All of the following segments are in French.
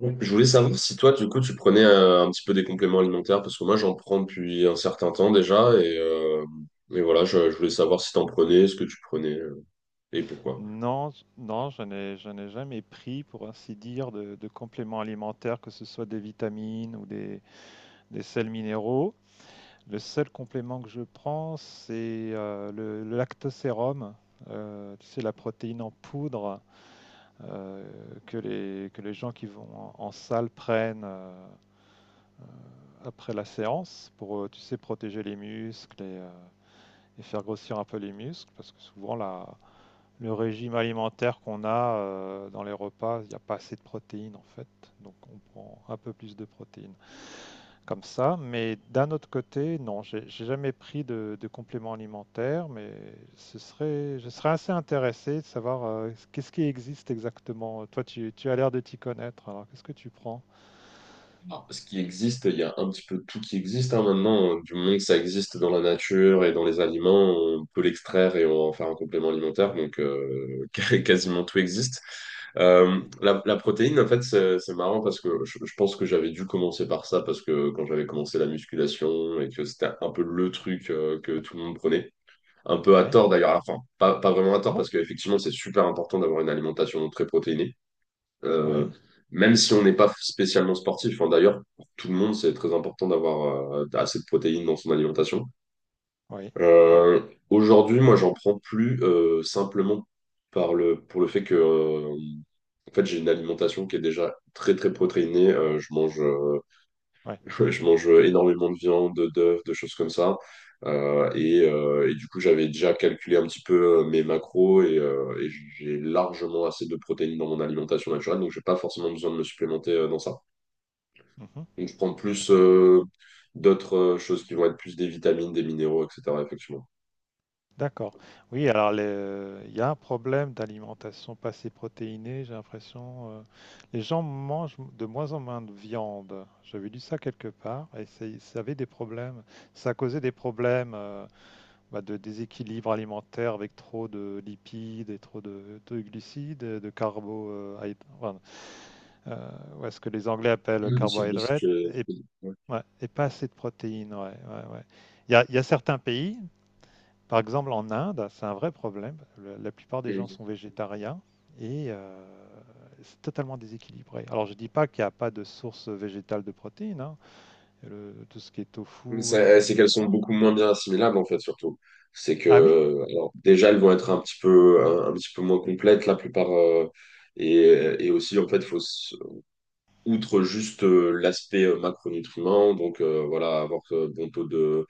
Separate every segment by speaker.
Speaker 1: Donc, je voulais savoir si toi, du coup, tu prenais un petit peu des compléments alimentaires, parce que moi, j'en prends depuis un certain temps déjà, et voilà, je voulais savoir si t'en prenais, ce que tu prenais, et pourquoi.
Speaker 2: Non, je n'ai jamais pris, pour ainsi dire, de compléments alimentaires, que ce soit des vitamines ou des sels minéraux. Le seul complément que je prends, c'est le lactosérum, tu sais, la protéine en poudre euh, que que les gens qui vont en salle prennent après la séance pour, tu sais, protéger les muscles et faire grossir un peu les muscles, parce que souvent le régime alimentaire qu'on a dans les repas, il n'y a pas assez de protéines en fait. Donc on prend un peu plus de protéines comme ça. Mais d'un autre côté, non, j'ai jamais pris de compléments alimentaires, mais je serais assez intéressé de savoir qu'est-ce qui existe exactement. Toi, tu as l'air de t'y connaître, alors qu'est-ce que tu prends?
Speaker 1: Ah, ce qui existe, il y a un petit peu tout qui existe, hein, maintenant. Du moment que ça existe dans la nature et dans les aliments, on peut l'extraire et on va en faire un complément alimentaire. Donc, quasiment tout existe. Euh,
Speaker 2: Ouais,
Speaker 1: la, la protéine, en fait, c'est marrant parce que je pense que j'avais dû commencer par ça parce que quand j'avais commencé la musculation et que c'était un peu le truc que tout le monde prenait, un peu à
Speaker 2: ouais.
Speaker 1: tort d'ailleurs, enfin, pas vraiment à
Speaker 2: Ah
Speaker 1: tort
Speaker 2: bon?
Speaker 1: parce qu'effectivement, c'est super important d'avoir une alimentation très protéinée, euh,
Speaker 2: Oui,
Speaker 1: même si on n'est pas spécialement sportif. Hein, d'ailleurs, pour tout le monde, c'est très important d'avoir assez de protéines dans son alimentation.
Speaker 2: oui, oui,
Speaker 1: Euh, Aujourd'hui, moi, j'en prends plus, simplement pour le fait que, en fait, j'ai une alimentation qui est déjà très, très protéinée. Je mange.
Speaker 2: oui.
Speaker 1: Ouais, je mange énormément de viande, d'œufs, de choses comme ça. Et du coup, j'avais déjà calculé un petit peu mes macros et j'ai largement assez de protéines dans mon alimentation naturelle, donc j'ai pas forcément besoin de me supplémenter dans ça.
Speaker 2: Mhm,
Speaker 1: Donc je prends plus
Speaker 2: d'accord.
Speaker 1: d'autres choses qui vont être plus des vitamines, des minéraux, etc. Effectivement.
Speaker 2: D'accord. Oui, alors il y a un problème d'alimentation pas assez protéinée, j'ai l'impression. Les gens mangent de moins en moins de viande. J'avais lu ça quelque part et ça avait des problèmes. Ça causait des problèmes bah, de déséquilibre alimentaire avec trop de lipides et trop de glucides, enfin, euh, ou est-ce que les Anglais
Speaker 1: Oui,
Speaker 2: appellent
Speaker 1: le cycle de
Speaker 2: carbohydrates
Speaker 1: situation.
Speaker 2: et, ouais, et pas assez de protéines. Ouais, ouais, ouais. Il y a certains pays. Par exemple, en Inde, c'est un vrai problème. La plupart des gens
Speaker 1: Mm.
Speaker 2: sont végétariens et c'est totalement déséquilibré. Alors, je dis pas qu'il n'y a pas de source végétale de protéines, hein. Tout ce qui est tofu,
Speaker 1: C'est
Speaker 2: etc.
Speaker 1: qu'elles sont beaucoup moins bien assimilables, en fait, surtout. C'est
Speaker 2: Ah oui?
Speaker 1: que, alors, déjà elles vont être un petit peu, un petit peu moins complètes la plupart, et, et aussi, en fait, outre juste l'aspect, macronutriments, donc, voilà, avoir bon taux de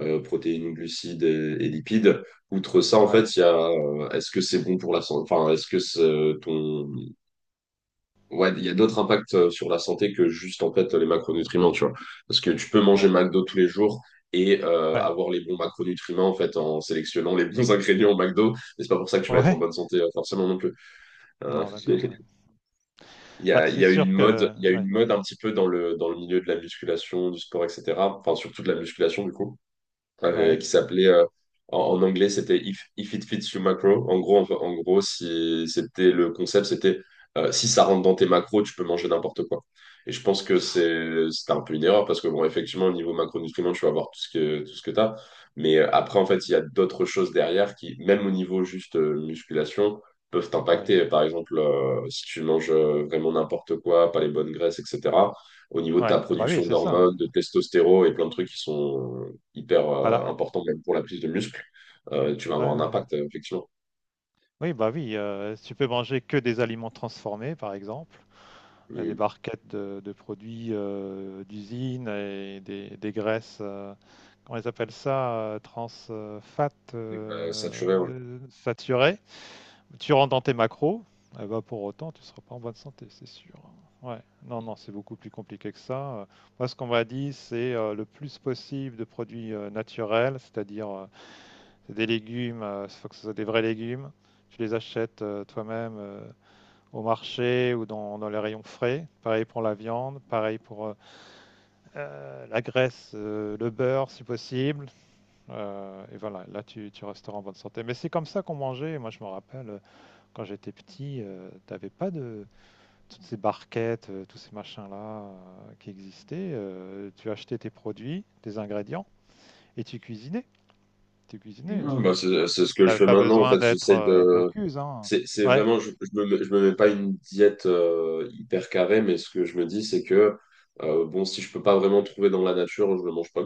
Speaker 1: protéines, glucides et lipides. Outre ça, en
Speaker 2: Ouais,
Speaker 1: fait, il y a est-ce que c'est bon pour la santé, enfin est-ce que c'est ton. Ouais, il y a d'autres impacts sur la santé que juste, en fait, les macronutriments, tu vois. Parce que tu peux manger
Speaker 2: ouais,
Speaker 1: McDo tous les jours et
Speaker 2: ouais,
Speaker 1: avoir les bons macronutriments, en fait, en sélectionnant les bons ingrédients au McDo, mais c'est pas pour ça que tu vas être en
Speaker 2: ouais.
Speaker 1: bonne santé, forcément, non plus. Euh,
Speaker 2: Non, d'accord. Ouais. Bah, c'est sûr que,
Speaker 1: il y a
Speaker 2: ouais,
Speaker 1: une mode un petit peu dans le milieu de la musculation, du sport, etc. Enfin, surtout de la musculation, du coup,
Speaker 2: ouais,
Speaker 1: qui s'appelait, en anglais, c'était If it fits you macro. En gros, si c'était le concept, c'était si ça rentre dans tes macros, tu peux manger n'importe quoi. Et je pense que c'était un peu une erreur parce que, bon, effectivement, au niveau macronutriments, tu vas avoir tout ce que t'as. Mais après, en fait, il y a d'autres choses derrière qui, même au niveau juste musculation, peuvent
Speaker 2: ouais,
Speaker 1: t'impacter. Par exemple, si tu manges vraiment n'importe quoi, pas les bonnes graisses, etc. Au niveau de ta
Speaker 2: ouais. Ah bah oui,
Speaker 1: production
Speaker 2: c'est ça,
Speaker 1: d'hormones,
Speaker 2: hein.
Speaker 1: de testostérone et plein de trucs qui sont hyper
Speaker 2: Voilà.
Speaker 1: important, même pour la prise de muscle, tu vas
Speaker 2: Ouais,
Speaker 1: avoir un
Speaker 2: ouais.
Speaker 1: impact, effectivement.
Speaker 2: Oui, bah oui. Tu peux manger que des aliments transformés, par exemple. Des
Speaker 1: Mm.
Speaker 2: barquettes de produits d'usine et des graisses. On les appelle ça transfat
Speaker 1: Et, saturé, ouais.
Speaker 2: saturé. Tu rentres dans tes macros, eh ben, pour autant, tu ne seras pas en bonne santé, c'est sûr. Ouais, non, non, c'est beaucoup plus compliqué que ça. Moi, ce qu'on m'a dit, c'est le plus possible de produits naturels, c'est-à-dire des légumes, il faut que ce soit des vrais légumes. Tu les achètes toi-même au marché ou dans les rayons frais. Pareil pour la viande, pareil pour la graisse, le beurre si possible. Et voilà, là tu resteras en bonne santé. Mais c'est comme ça qu'on mangeait. Moi je me rappelle quand j'étais petit, t'avais pas de toutes ces barquettes, tous ces machins-là qui existaient. Tu achetais tes produits, tes ingrédients et tu cuisinais. Tu cuisinais,
Speaker 1: Mm.
Speaker 2: tu
Speaker 1: Bah, c'est ce que je
Speaker 2: n'avais
Speaker 1: fais
Speaker 2: pas
Speaker 1: maintenant, en
Speaker 2: besoin
Speaker 1: fait.
Speaker 2: d'être
Speaker 1: J'essaye de.
Speaker 2: Bocuse. Hein.
Speaker 1: C'est
Speaker 2: Ouais,
Speaker 1: vraiment. Je me mets pas une diète hyper carrée, mais ce que je me dis, c'est que, bon, si je peux pas vraiment trouver dans la nature, je le mange pas.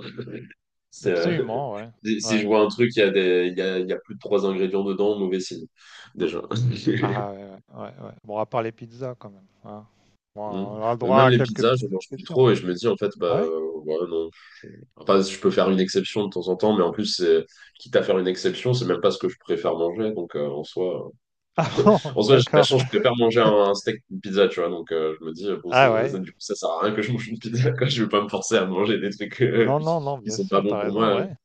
Speaker 1: C'est, euh,
Speaker 2: absolument, ouais.
Speaker 1: si
Speaker 2: Ouais.
Speaker 1: je vois un truc, il y a des, il y a plus de trois ingrédients dedans, mauvais signe, déjà.
Speaker 2: Ah ouais, ouais, ouais. Ouais. Bon, à part les pizzas quand même, hein. Bon,
Speaker 1: Mm.
Speaker 2: on aura le droit
Speaker 1: Même
Speaker 2: à
Speaker 1: les
Speaker 2: quelques
Speaker 1: pizzas, je
Speaker 2: petites
Speaker 1: mange plus
Speaker 2: exceptions.
Speaker 1: trop et je me dis, en fait, bah,
Speaker 2: Ah ouais?
Speaker 1: ouais, non, enfin, je peux faire une exception de temps en temps, mais en plus, quitte à faire une exception, c'est même pas ce que je préfère manger. Donc, en soi,
Speaker 2: Ah bon,
Speaker 1: j'ai de la
Speaker 2: d'accord.
Speaker 1: chance, je préfère manger un steak qu'une pizza, tu vois. Donc, je me dis, bon,
Speaker 2: Ah ouais.
Speaker 1: du coup, ça sert à rien que je mange une pizza, quoi. Je vais pas me forcer à manger des trucs
Speaker 2: Non, non, non,
Speaker 1: qui
Speaker 2: bien
Speaker 1: sont pas
Speaker 2: sûr,
Speaker 1: bons
Speaker 2: t'as
Speaker 1: pour
Speaker 2: raison,
Speaker 1: moi.
Speaker 2: ouais.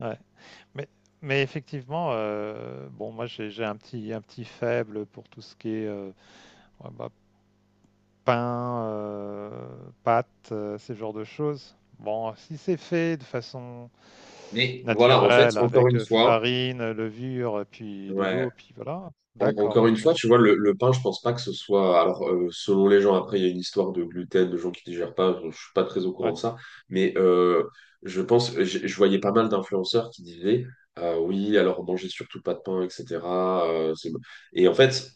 Speaker 2: Ouais. Mais, mais effectivement, bon, moi, j'ai un petit faible pour tout ce qui est, ouais, bah, pain, pâtes, ce genre de choses. Bon, si c'est fait de façon
Speaker 1: Mais voilà, en fait,
Speaker 2: naturelle
Speaker 1: encore
Speaker 2: avec,
Speaker 1: une fois,
Speaker 2: farine, levure, puis de
Speaker 1: ouais.
Speaker 2: l'eau, puis voilà, d'accord,
Speaker 1: Encore une
Speaker 2: mais
Speaker 1: fois, tu vois,
Speaker 2: sinon
Speaker 1: le pain, je pense pas que ce soit. Alors, selon les gens, après, il y a une histoire de gluten, de gens qui digèrent pas. Je suis pas très au courant
Speaker 2: ouais.
Speaker 1: de ça, mais je pense, je voyais pas mal d'influenceurs qui disaient, oui, alors mangez surtout pas de pain, etc. C'est bon. Et en fait,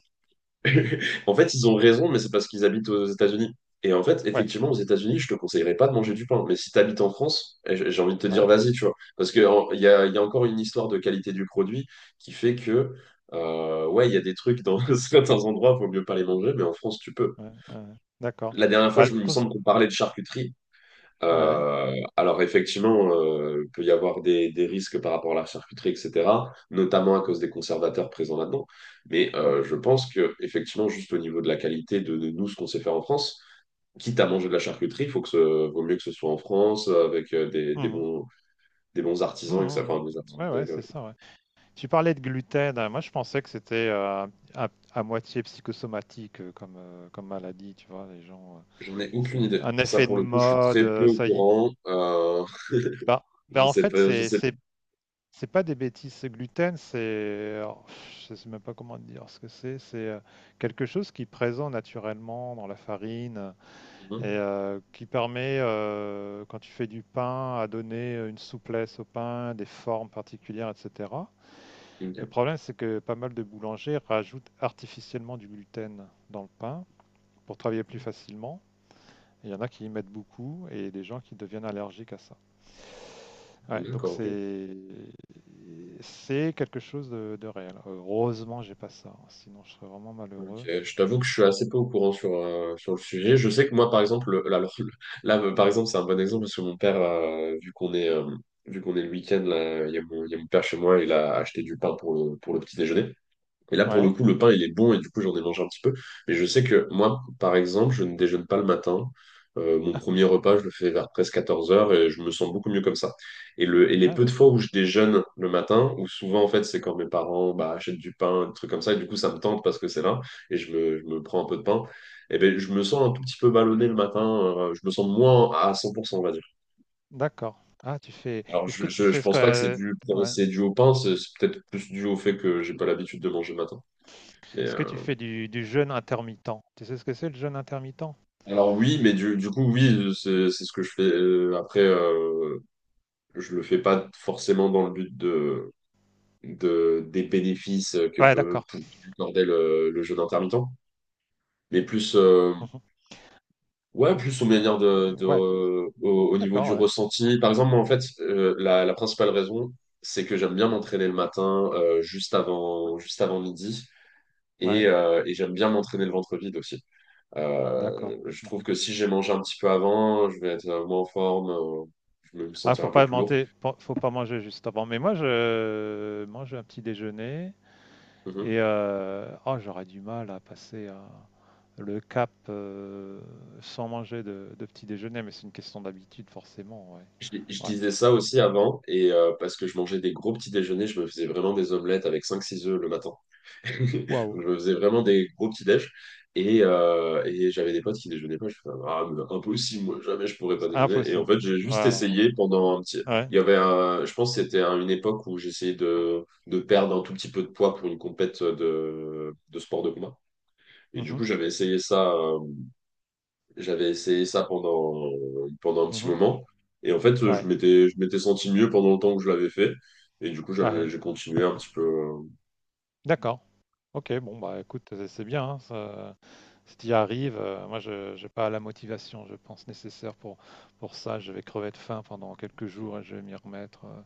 Speaker 1: en fait, ils ont raison, mais c'est parce qu'ils habitent aux États-Unis. Et en fait,
Speaker 2: Ouais,
Speaker 1: effectivement, aux États-Unis, je te conseillerais pas de manger du pain. Mais si tu habites en France, eh, j'ai envie de te dire,
Speaker 2: ouais,
Speaker 1: vas-y, tu vois. Parce qu'il y a encore une histoire de qualité du produit qui fait que, ouais, il y a des trucs dans certains endroits, il vaut mieux pas les manger, mais en France, tu peux.
Speaker 2: ouais, ouais, ouais. D'accord.
Speaker 1: La dernière fois,
Speaker 2: Bah,
Speaker 1: je il me semble qu'on parlait de charcuterie.
Speaker 2: ouais,
Speaker 1: Alors, effectivement, il peut y avoir des risques par rapport à la charcuterie, etc., notamment à cause des conservateurs présents là-dedans. Mais
Speaker 2: ouais,
Speaker 1: je pense que, effectivement, juste au niveau de la qualité de nous, ce qu'on sait faire en France, quitte à manger de la charcuterie, il faut que ce, vaut mieux que ce soit en France, avec
Speaker 2: Mhm.
Speaker 1: des bons artisans et que ça.
Speaker 2: Mhm.
Speaker 1: Enfin, des artisans,
Speaker 2: Ouais, ouais, c'est ça. Ouais. Tu parlais de gluten. Moi, je pensais que c'était à, à moitié psychosomatique comme maladie. Tu vois, les gens,
Speaker 1: j'en ai aucune
Speaker 2: c'est
Speaker 1: idée.
Speaker 2: un
Speaker 1: Ça,
Speaker 2: effet de
Speaker 1: pour le coup, je suis
Speaker 2: mode.
Speaker 1: très peu au
Speaker 2: Ça y est.
Speaker 1: courant.
Speaker 2: Bah, en fait,
Speaker 1: Je
Speaker 2: c'est
Speaker 1: sais
Speaker 2: c'est c'est pas des bêtises. Ce gluten, alors, je sais même pas comment dire ce que c'est. C'est quelque chose qui est présent naturellement dans la farine.
Speaker 1: pas.
Speaker 2: Et
Speaker 1: Mhm.
Speaker 2: qui permet, quand tu fais du pain, à donner une souplesse au pain, des formes particulières, etc. Le
Speaker 1: Ok.
Speaker 2: problème, c'est que pas mal de boulangers rajoutent artificiellement du gluten dans le pain pour travailler plus facilement. Il y en a qui y mettent beaucoup et des gens qui deviennent allergiques à ça. Ouais, donc
Speaker 1: D'accord, ok.
Speaker 2: c'est quelque chose de réel. Heureusement, j'ai pas ça, hein, sinon je serais vraiment
Speaker 1: Ok,
Speaker 2: malheureux.
Speaker 1: je t'avoue que je suis assez peu au courant sur, sur le sujet. Je sais que moi, par exemple, là, par exemple, c'est un bon exemple parce que mon père, vu qu'on est le week-end, là, il y a mon père chez moi, il a acheté du pain pour pour le petit déjeuner. Et là, pour le
Speaker 2: Ouais.
Speaker 1: coup, le pain, il est bon, et du coup, j'en ai mangé un petit peu. Mais je sais que moi, par exemple, je ne déjeune pas le matin. Mon
Speaker 2: Ah,
Speaker 1: premier repas, je le fais vers presque 14 heures et je me sens beaucoup mieux comme ça. Et, et les
Speaker 2: ah
Speaker 1: peu de
Speaker 2: ouais.
Speaker 1: fois où je déjeune le matin, où souvent, en fait, c'est quand mes parents, bah, achètent du pain, des trucs comme ça, et du coup, ça me tente parce que c'est là et je me prends un peu de pain. Et ben, je me sens un tout petit peu ballonné le matin, je me sens moins à 100%, on va dire.
Speaker 2: D'accord. Ah, tu fais.
Speaker 1: Alors,
Speaker 2: Est-ce que tu
Speaker 1: je
Speaker 2: fais ce
Speaker 1: pense pas que c'est
Speaker 2: que.
Speaker 1: dû,
Speaker 2: Ouais.
Speaker 1: au pain, c'est peut-être plus dû au fait que j'ai pas l'habitude de manger le matin. Et,
Speaker 2: Est-ce que tu
Speaker 1: euh,
Speaker 2: fais du jeûne intermittent? Tu sais ce que c'est le jeûne intermittent?
Speaker 1: Alors oui, mais du coup, oui, c'est ce que je fais. Après, je le fais pas forcément dans le but des bénéfices que
Speaker 2: Ouais, d'accord.
Speaker 1: peut accorder le jeûne intermittent, mais plus,
Speaker 2: Mmh.
Speaker 1: ouais, plus aux manière
Speaker 2: Ouais,
Speaker 1: au niveau
Speaker 2: d'accord,
Speaker 1: du
Speaker 2: ouais.
Speaker 1: ressenti. Par exemple, moi, en fait, la principale raison, c'est que j'aime bien
Speaker 2: Mmh.
Speaker 1: m'entraîner le matin, juste avant midi, et,
Speaker 2: Ouais,
Speaker 1: euh, et j'aime bien m'entraîner le ventre vide aussi.
Speaker 2: d'accord.
Speaker 1: Je
Speaker 2: Mmh.
Speaker 1: trouve que si j'ai mangé un petit peu avant, je vais être moins en forme, je vais me
Speaker 2: Ah,
Speaker 1: sentir un peu plus lourd.
Speaker 2: faut pas manger juste avant. Mais moi, je mange un petit déjeuner et
Speaker 1: Mhm.
Speaker 2: oh, j'aurais du mal à passer à le cap, sans manger de petit déjeuner, mais c'est une question d'habitude forcément,
Speaker 1: Je
Speaker 2: ouais. Ouais.
Speaker 1: disais ça aussi avant, et parce que je mangeais des gros petits déjeuners, je me faisais vraiment des omelettes avec cinq, six œufs le matin.
Speaker 2: Waouh!
Speaker 1: Donc, je me faisais vraiment des gros petits déj. Et j'avais des potes qui déjeunaient pas. Je faisais, ah, mais impossible,
Speaker 2: Ah,
Speaker 1: moi, jamais je pourrais pas
Speaker 2: c'est
Speaker 1: déjeuner. Et en
Speaker 2: impossible.
Speaker 1: fait, j'ai juste
Speaker 2: Ouais,
Speaker 1: essayé pendant un petit.
Speaker 2: ouais.
Speaker 1: Il y avait un- Je pense que c'était à une époque où j'essayais de perdre un tout petit peu de poids pour une compète de sport de combat. Et du
Speaker 2: Mhm.
Speaker 1: coup, j'avais essayé ça pendant un petit
Speaker 2: Mhm.
Speaker 1: moment. Et en fait, je m'étais senti mieux pendant le temps que je l'avais fait. Et du coup,
Speaker 2: Ouais, ouais.
Speaker 1: j'ai continué un petit peu.
Speaker 2: D'accord. Ok, bon, bah écoute, c'est bien, hein, si tu y arrives, moi, je j'ai pas la motivation, je pense, nécessaire pour ça. Je vais crever de faim pendant quelques jours et je vais m'y remettre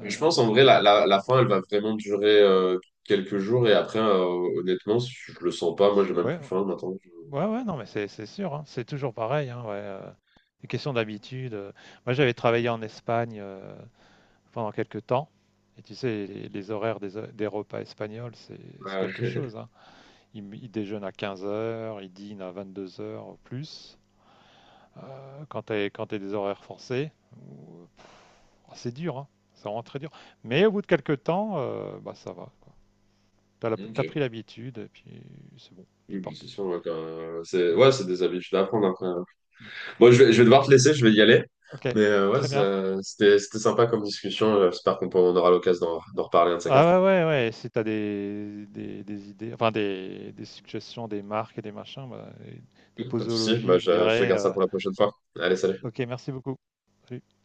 Speaker 1: Mais je pense, en vrai,
Speaker 2: immédiatement,
Speaker 1: la
Speaker 2: quoi.
Speaker 1: faim, elle va vraiment durer quelques jours. Et après, honnêtement, si je le sens pas. Moi, j'ai même
Speaker 2: Ouais,
Speaker 1: plus faim maintenant.
Speaker 2: ouais, ouais, non, mais c'est sûr, hein, c'est toujours pareil. Hein, ouais, les questions d'habitude. Moi, j'avais travaillé en Espagne pendant quelques temps. Et tu sais, les horaires des repas espagnols, c'est
Speaker 1: Ouais.
Speaker 2: quelque chose, hein. Ils déjeunent à 15 heures, ils dînent à 22h plus. Quand tu as, des horaires forcés. C'est dur, hein. C'est vraiment très dur. Mais au bout de quelques temps, bah, ça va. Tu as,
Speaker 1: Ok.
Speaker 2: pris l'habitude et puis c'est bon,
Speaker 1: Oui,
Speaker 2: c'est
Speaker 1: mais c'est
Speaker 2: parti.
Speaker 1: sûr, ouais, c'est ouais, c'est des habitudes à prendre après, hein. Bon, je vais devoir te laisser, je vais y aller.
Speaker 2: Ok,
Speaker 1: Mais ouais,
Speaker 2: très bien.
Speaker 1: c'était sympa comme discussion. J'espère qu'on aura l'occasion d'en reparler un de ces quatre.
Speaker 2: Ah ouais, ouais, ouais, si t'as des, idées, enfin des suggestions, des marques et des machins, bah, et des
Speaker 1: Pas de souci, bah,
Speaker 2: posologies, je
Speaker 1: je te
Speaker 2: dirais.
Speaker 1: garde ça pour la prochaine fois. Allez, salut.
Speaker 2: Ok, merci beaucoup. Salut.